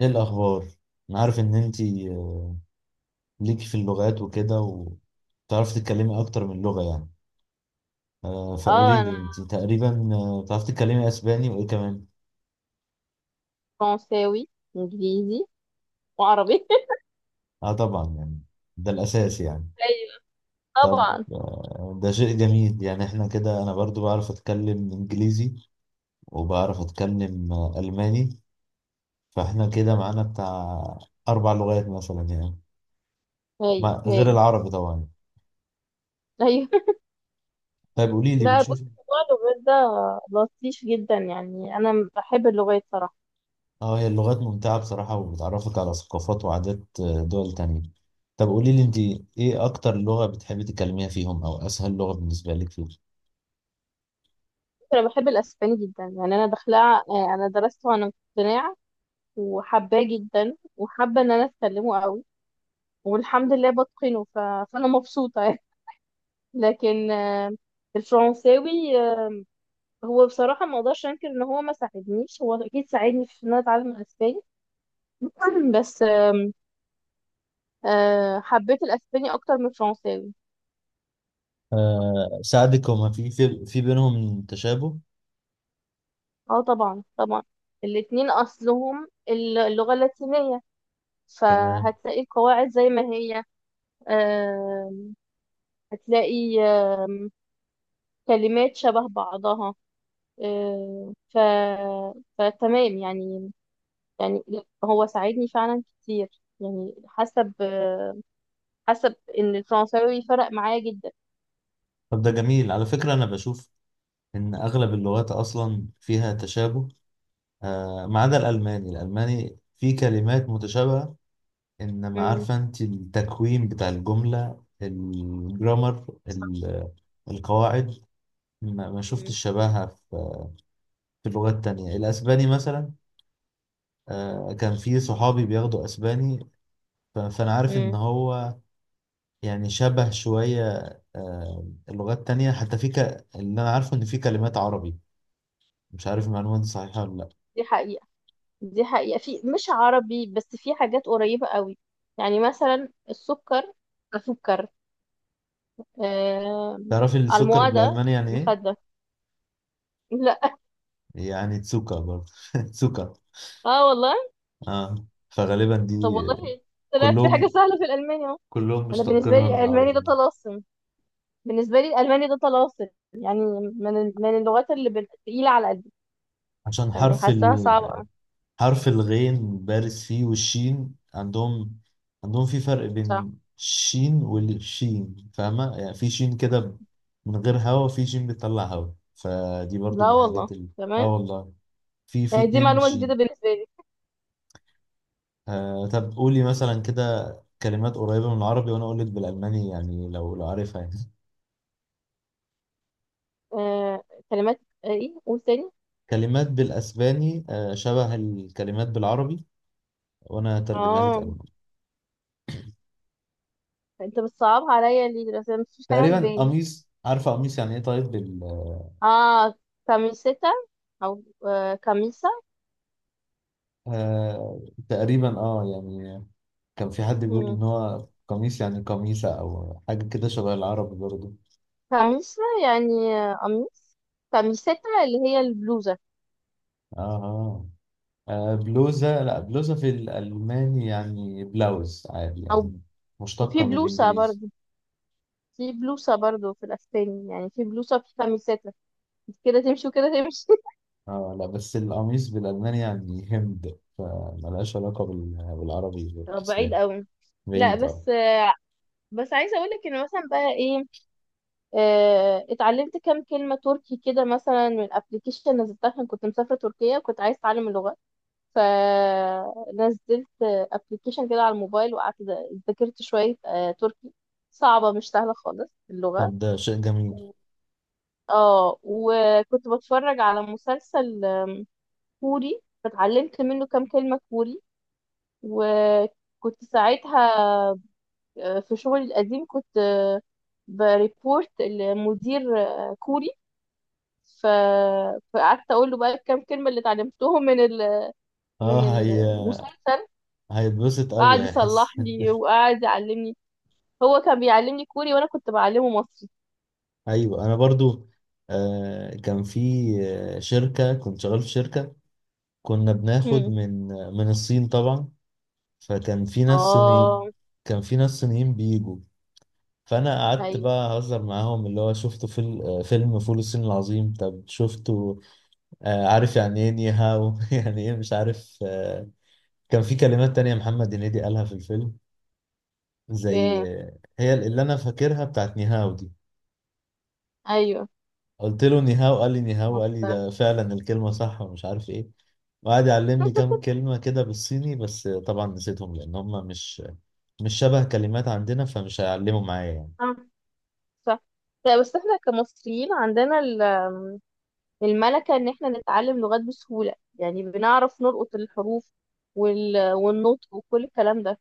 ايه الاخبار؟ انا عارف ان انتي ليكي في اللغات وكده، وتعرفي تتكلمي اكتر من لغة يعني. اه فقولي انا لي انتي تقريبا بتعرفي تتكلمي اسباني وايه كمان؟ فرنساوي انجليزي وعربي اه طبعا يعني، ده الاساس يعني. ايوه طب طبعا ده شيء جميل يعني. احنا كده انا برضو بعرف اتكلم انجليزي، وبعرف اتكلم الماني، فاحنا كده معانا بتاع اربع لغات مثلا يعني، هاي غير هاي العربي طبعا. ايوه طيب قولي لي، لا بص، بتشوف، موضوع اللغات ده لطيف جدا. يعني انا بحب اللغات صراحه. اه هي اللغات ممتعة بصراحة، وبتعرفك على ثقافات وعادات دول تانية. طب قولي لي انت، ايه اكتر لغة بتحبي تتكلميها فيهم، او اسهل لغة بالنسبة لك فيهم؟ انا بحب الاسباني جدا، يعني انا داخله انا درسته وانا مقتنعه وحباه جدا وحابه ان انا اتكلمه قوي، والحمد لله بتقنه. ف... فانا مبسوطه يعني. لكن الفرنساوي، هو بصراحه ما اقدرش انكر ان هو ما ساعدنيش، هو اكيد ساعدني في ان انا اتعلم الاسباني. بس أه، حبيت الاسباني اكتر من الفرنساوي. آه ساعدك هما، في بينهم تشابه. اه طبعا طبعا. الاتنين اصلهم اللغة اللاتينية، تمام. فهتلاقي القواعد زي ما هي. أه هتلاقي كلمات شبه بعضها. أه ف فتمام يعني. يعني هو ساعدني فعلا كتير، يعني حسب ان الفرنساوي فرق معايا جدا. طب ده جميل على فكرة، انا بشوف ان اغلب اللغات اصلا فيها تشابه، آه ما عدا الالماني. الالماني في كلمات متشابهة، انما امم عارفة انت التكوين بتاع الجملة، الجرامر، صح. القواعد، ما امم شفتش شبهها في لغات تانية. الأسباني مثلا، كان في صحابي بياخدوا أسباني، فأنا عارف إن أمم. هو يعني شبه شوية اللغات التانية. حتى في اللي أنا عارفه إن في كلمات عربي، مش عارف المعلومة دي صحيحة ولا لأ. دي حقيقة. دي حقيقة، في مش عربي بس في حاجات قريبة قوي. يعني مثلا السكر، السكر، آه. تعرف السكر الموادة، بالألماني يعني إيه؟ مخدة، لا. يعني تسوكا برضه. تسوكا. اه والله. آه فغالبا دي، طب والله طلعت في حاجة كلهم سهلة في الألماني اهو. كلهم أنا بالنسبة لي مشتقينها من الألماني ده العربي. طلاسم، بالنسبة لي الألماني ده طلاسم. يعني من اللغات اللي تقيلة على قلبي. عشان يعني حرف حاساها صعبة. حرف الغين بارز فيه، والشين عندهم، عندهم في فرق صح. بين الشين والشين، فاهمة يعني؟ في شين كده من غير هوا، وفي شين بيطلع هوا، فدي برضو لا من والله، الحاجات اللي، اه تمام. والله، في في آه، دي اتنين معلومة جديدة شين. بالنسبة لي. آه طب قولي مثلا كده كلمات قريبة من العربي وانا اقولك بالالماني يعني، لو عارفها يعني. آه كلمات، ايه قول تاني. كلمات بالاسباني آه شبه الكلمات بالعربي وانا هترجمها لك اه الماني. انت بتصعبها عليا ليه دلوقتي؟ أنا مفيش حاجه في تقريبا بالي. قميص، عارفة قميص يعني ايه؟ طيب. اه كاميسيتا، او آه كاميسا. آه تقريبا اه يعني، كان في حد بيقول مم. ان هو قميص يعني قميصة، او حاجة كده شبه العرب برضو. كاميسا يعني قميص. كاميسيتا اللي هي البلوزه. اه اه بلوزة، لا بلوزة في الالماني يعني بلاوز عادي او، يعني، وفي مشتقة من بلوسه الانجليزي. برضو. في بلوسه برضو في الاسباني، يعني في بلوسه في كاميسيتا، كده تمشي وكده تمشي. اه لا، بس القميص بالالماني يعني هند، فملهاش علاقة بالعربي طب بعيد والاسباني. قوي. لا بعيد اه. بس بس عايزه اقول لك ان مثلا بقى ايه، اتعلمت كام كلمه تركي كده مثلا من الابلكيشن، نزلتها عشان كنت مسافره تركيا وكنت عايزه اتعلم اللغه. فنزلت ابلكيشن كده على الموبايل وقعدت ذاكرت شوية تركي. صعبة مش سهلة خالص اللغة. طب ده شيء جميل. اه وكنت بتفرج على مسلسل كوري فتعلمت منه كام كلمة كوري. وكنت ساعتها في شغلي القديم كنت بريبورت لمدير كوري. ف... فقعدت اقول له بقى الكام كلمة اللي اتعلمتهم من اه هي المسلسل. هيتبسط قعد قوي، يصلح هيحس. لي وقعد يعلمني. هو كان بيعلمني كوري وانا كنت بعلمه مصري. ايوه انا برضو كان في شركه كنت شغال في شركه كنا بناخد هم. من الصين طبعا، فكان في ناس صينيين، اه، كان في ناس صينيين بيجوا، فانا قعدت ايوه بقى اهزر معاهم اللي هو شفته في فيلم فول الصين العظيم. طب شفته؟ عارف يعني ايه نيهاو؟ يعني ايه مش عارف كان في كلمات تانية محمد هنيدي قالها في الفيلم، زي فاهم، هي اللي انا فاكرها بتاعت نيهاو دي. ايوه قلت له نيهاو، قال لي نيهاو، قال لي مصر. ده فعلا الكلمة صح ومش عارف ايه. وقعد يعلمني كام كلمة كده بالصيني، بس طبعا نسيتهم لأن هم مش شبه كلمات عندنا، فمش هيعلموا معايا يعني. آه، صح. لا بس احنا كمصريين عندنا الملكة ان احنا نتعلم لغات بسهولة. يعني بنعرف نلقط الحروف وال... والنطق وكل الكلام ده.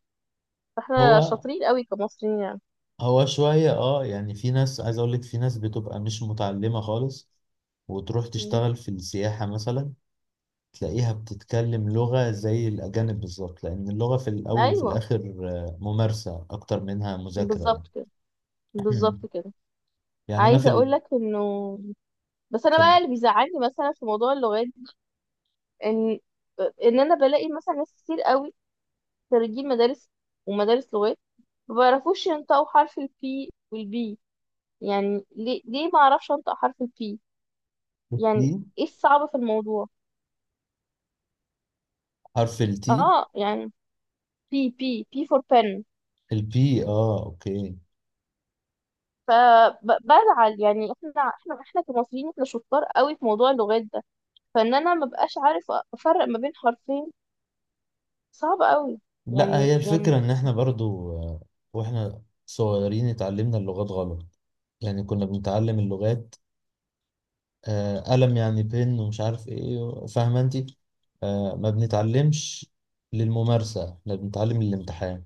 فاحنا هو شاطرين قوي كمصريين يعني. هو شوية اه يعني، في ناس، عايز أقول لك، في ناس بتبقى مش متعلمة خالص وتروح مم. تشتغل في السياحة مثلا، تلاقيها بتتكلم لغة زي الأجانب بالظبط، لأن اللغة في الأول وفي ايوه الآخر ممارسة أكتر منها مذاكرة يعني. بالظبط كده، بالظبط كده. يعني أنا في عايزة اقول لك انه، بس انا بقى في اللي بيزعلني مثلا في موضوع اللغات ان، ان انا بلاقي مثلا ناس كتير قوي، خريجين مدارس ومدارس لغات، ما بيعرفوش ينطقوا حرف البي والبي. يعني ليه، ليه ما اعرفش انطق حرف البي؟ يعني البي، ايه الصعب في الموضوع؟ حرف التي، اه يعني بي، بي، بي فور بن. البي، اه اوكي. فبزعل يعني. احنا، احنا، احنا كمصريين احنا شطار قوي في موضوع اللغات ده، فان انا ما بقاش عارف افرق ما بين حرفين، صعب قوي. لا يعني هي يعني الفكرة ان احنا برضو واحنا صغيرين اتعلمنا اللغات غلط، يعني كنا بنتعلم اللغات آه قلم يعني بن ومش عارف ايه، فاهمة انتي؟ آه ما بنتعلمش للممارسة، احنا بنتعلم للامتحان.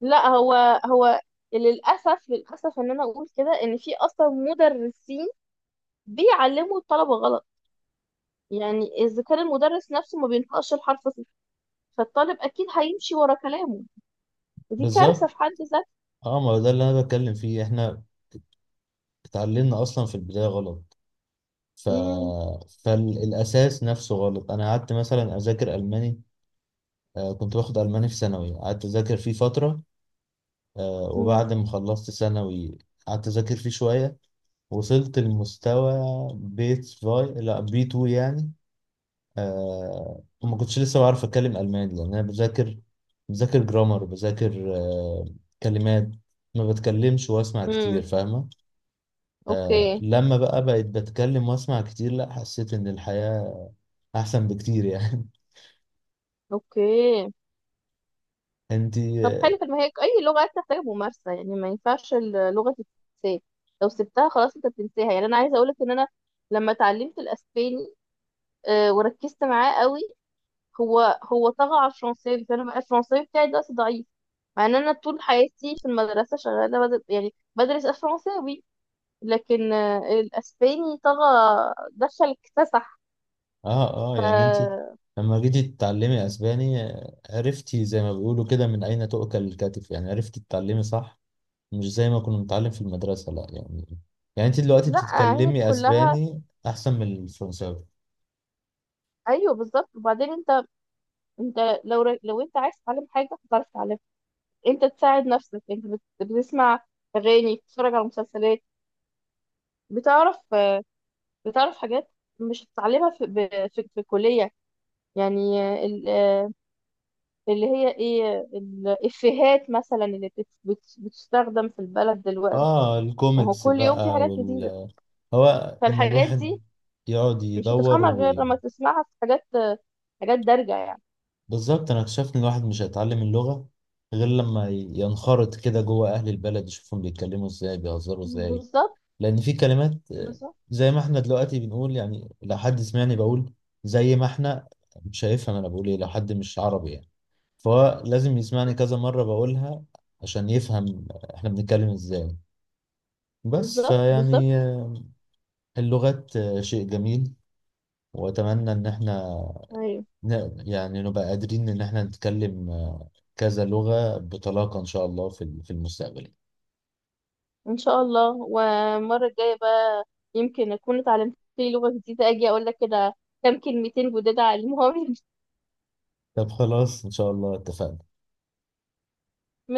لا. هو للأسف، للأسف إن أنا أقول كده إن في أصلا مدرسين بيعلموا الطلبة غلط. يعني إذا كان المدرس نفسه ما بينطقش الحرف صح، فالطالب أكيد هيمشي ورا كلامه. ودي كارثة بالظبط، في حد ذاتها. اه ما ده اللي انا بتكلم فيه، احنا اتعلمنا اصلا في البداية غلط، ف... مم، فالاساس نفسه غلط. انا قعدت مثلا اذاكر الماني، آه كنت باخد الماني في ثانوي، قعدت اذاكر فيه فترة مم، وبعد ما خلصت ثانوي قعدت أذاكر فيه شوية، وصلت لمستوى بيت فاي، لا بي 2 يعني. آه وما كنتش لسه بعرف أتكلم ألماني، لأن أنا بذاكر، بذاكر جرامر، بذاكر آه كلمات، ما بتكلمش وأسمع كتير، مم. فاهمة؟ آه أوكي، لما بقى بقيت بتكلم وأسمع كتير، لا حسيت إن الحياة أحسن بكتير يعني. أوكي. طب أنتي حلو، طب ما هي أي لغة بتحتاج ممارسة. يعني ما ينفعش اللغة تتنسى، لو سبتها خلاص أنت بتنساها. يعني أنا عايزة أقولك إن أنا لما اتعلمت الأسباني وركزت معاه قوي، هو طغى على الفرنساوي. فانا بقى الفرنساوي بتاعي دلوقتي ضعيف، مع ان انا طول حياتي في المدرسه شغاله بدل، يعني بدرس الفرنساوي. لكن الاسباني طغى، دخل اكتسح. اه اه ف يعني انت لما جيتي تتعلمي اسباني عرفتي زي ما بيقولوا كده من اين تؤكل الكتف، يعني عرفتي تتعلمي صح، مش زي ما كنا بنتعلم في المدرسة لا يعني. يعني انت دلوقتي لا، هي بتتكلمي كلها اسباني احسن من الفرنساوي. ايوه بالظبط. وبعدين انت، انت لو انت عايز تتعلم حاجه هتعرف تتعلمها. انت تساعد نفسك، انت بتسمع اغاني، بتتفرج على مسلسلات، بتعرف بتعرف حاجات مش هتتعلمها في في الكليه. يعني اللي هي ايه الافيهات مثلا اللي بتستخدم في البلد دلوقتي. اه وهو الكوميكس كل يوم في بقى حاجات جديدة. وال، هو ان فالحاجات الواحد دي يقعد مش يدور هتفهمها غير لما تسمعها في حاجات، حاجات دارجة يعني. بالظبط. انا اكتشفت ان الواحد مش هيتعلم اللغة غير لما ينخرط كده جوه اهل البلد، يشوفهم بيتكلموا ازاي، بيهزروا ازاي، بالظبط، لان في كلمات بالظبط. زي ما احنا دلوقتي بنقول يعني، لو حد سمعني بقول زي ما احنا، مش هيفهم انا بقول ايه لو حد مش عربي يعني. فهو لازم يسمعني كذا مرة بقولها عشان يفهم احنا بنتكلم ازاي. بس بالظبط، بالظبط. فيعني اللغات شيء جميل، واتمنى ان احنا ايوه يعني نبقى قادرين ان احنا نتكلم كذا لغة بطلاقة ان شاء الله في في المستقبل. ان شاء الله. والمرة الجاية بقى يمكن اكون اتعلمت لي لغة جديدة، اجي اقول لك كده كام كلمتين جداد اعلمهم. طب خلاص ان شاء الله اتفقنا.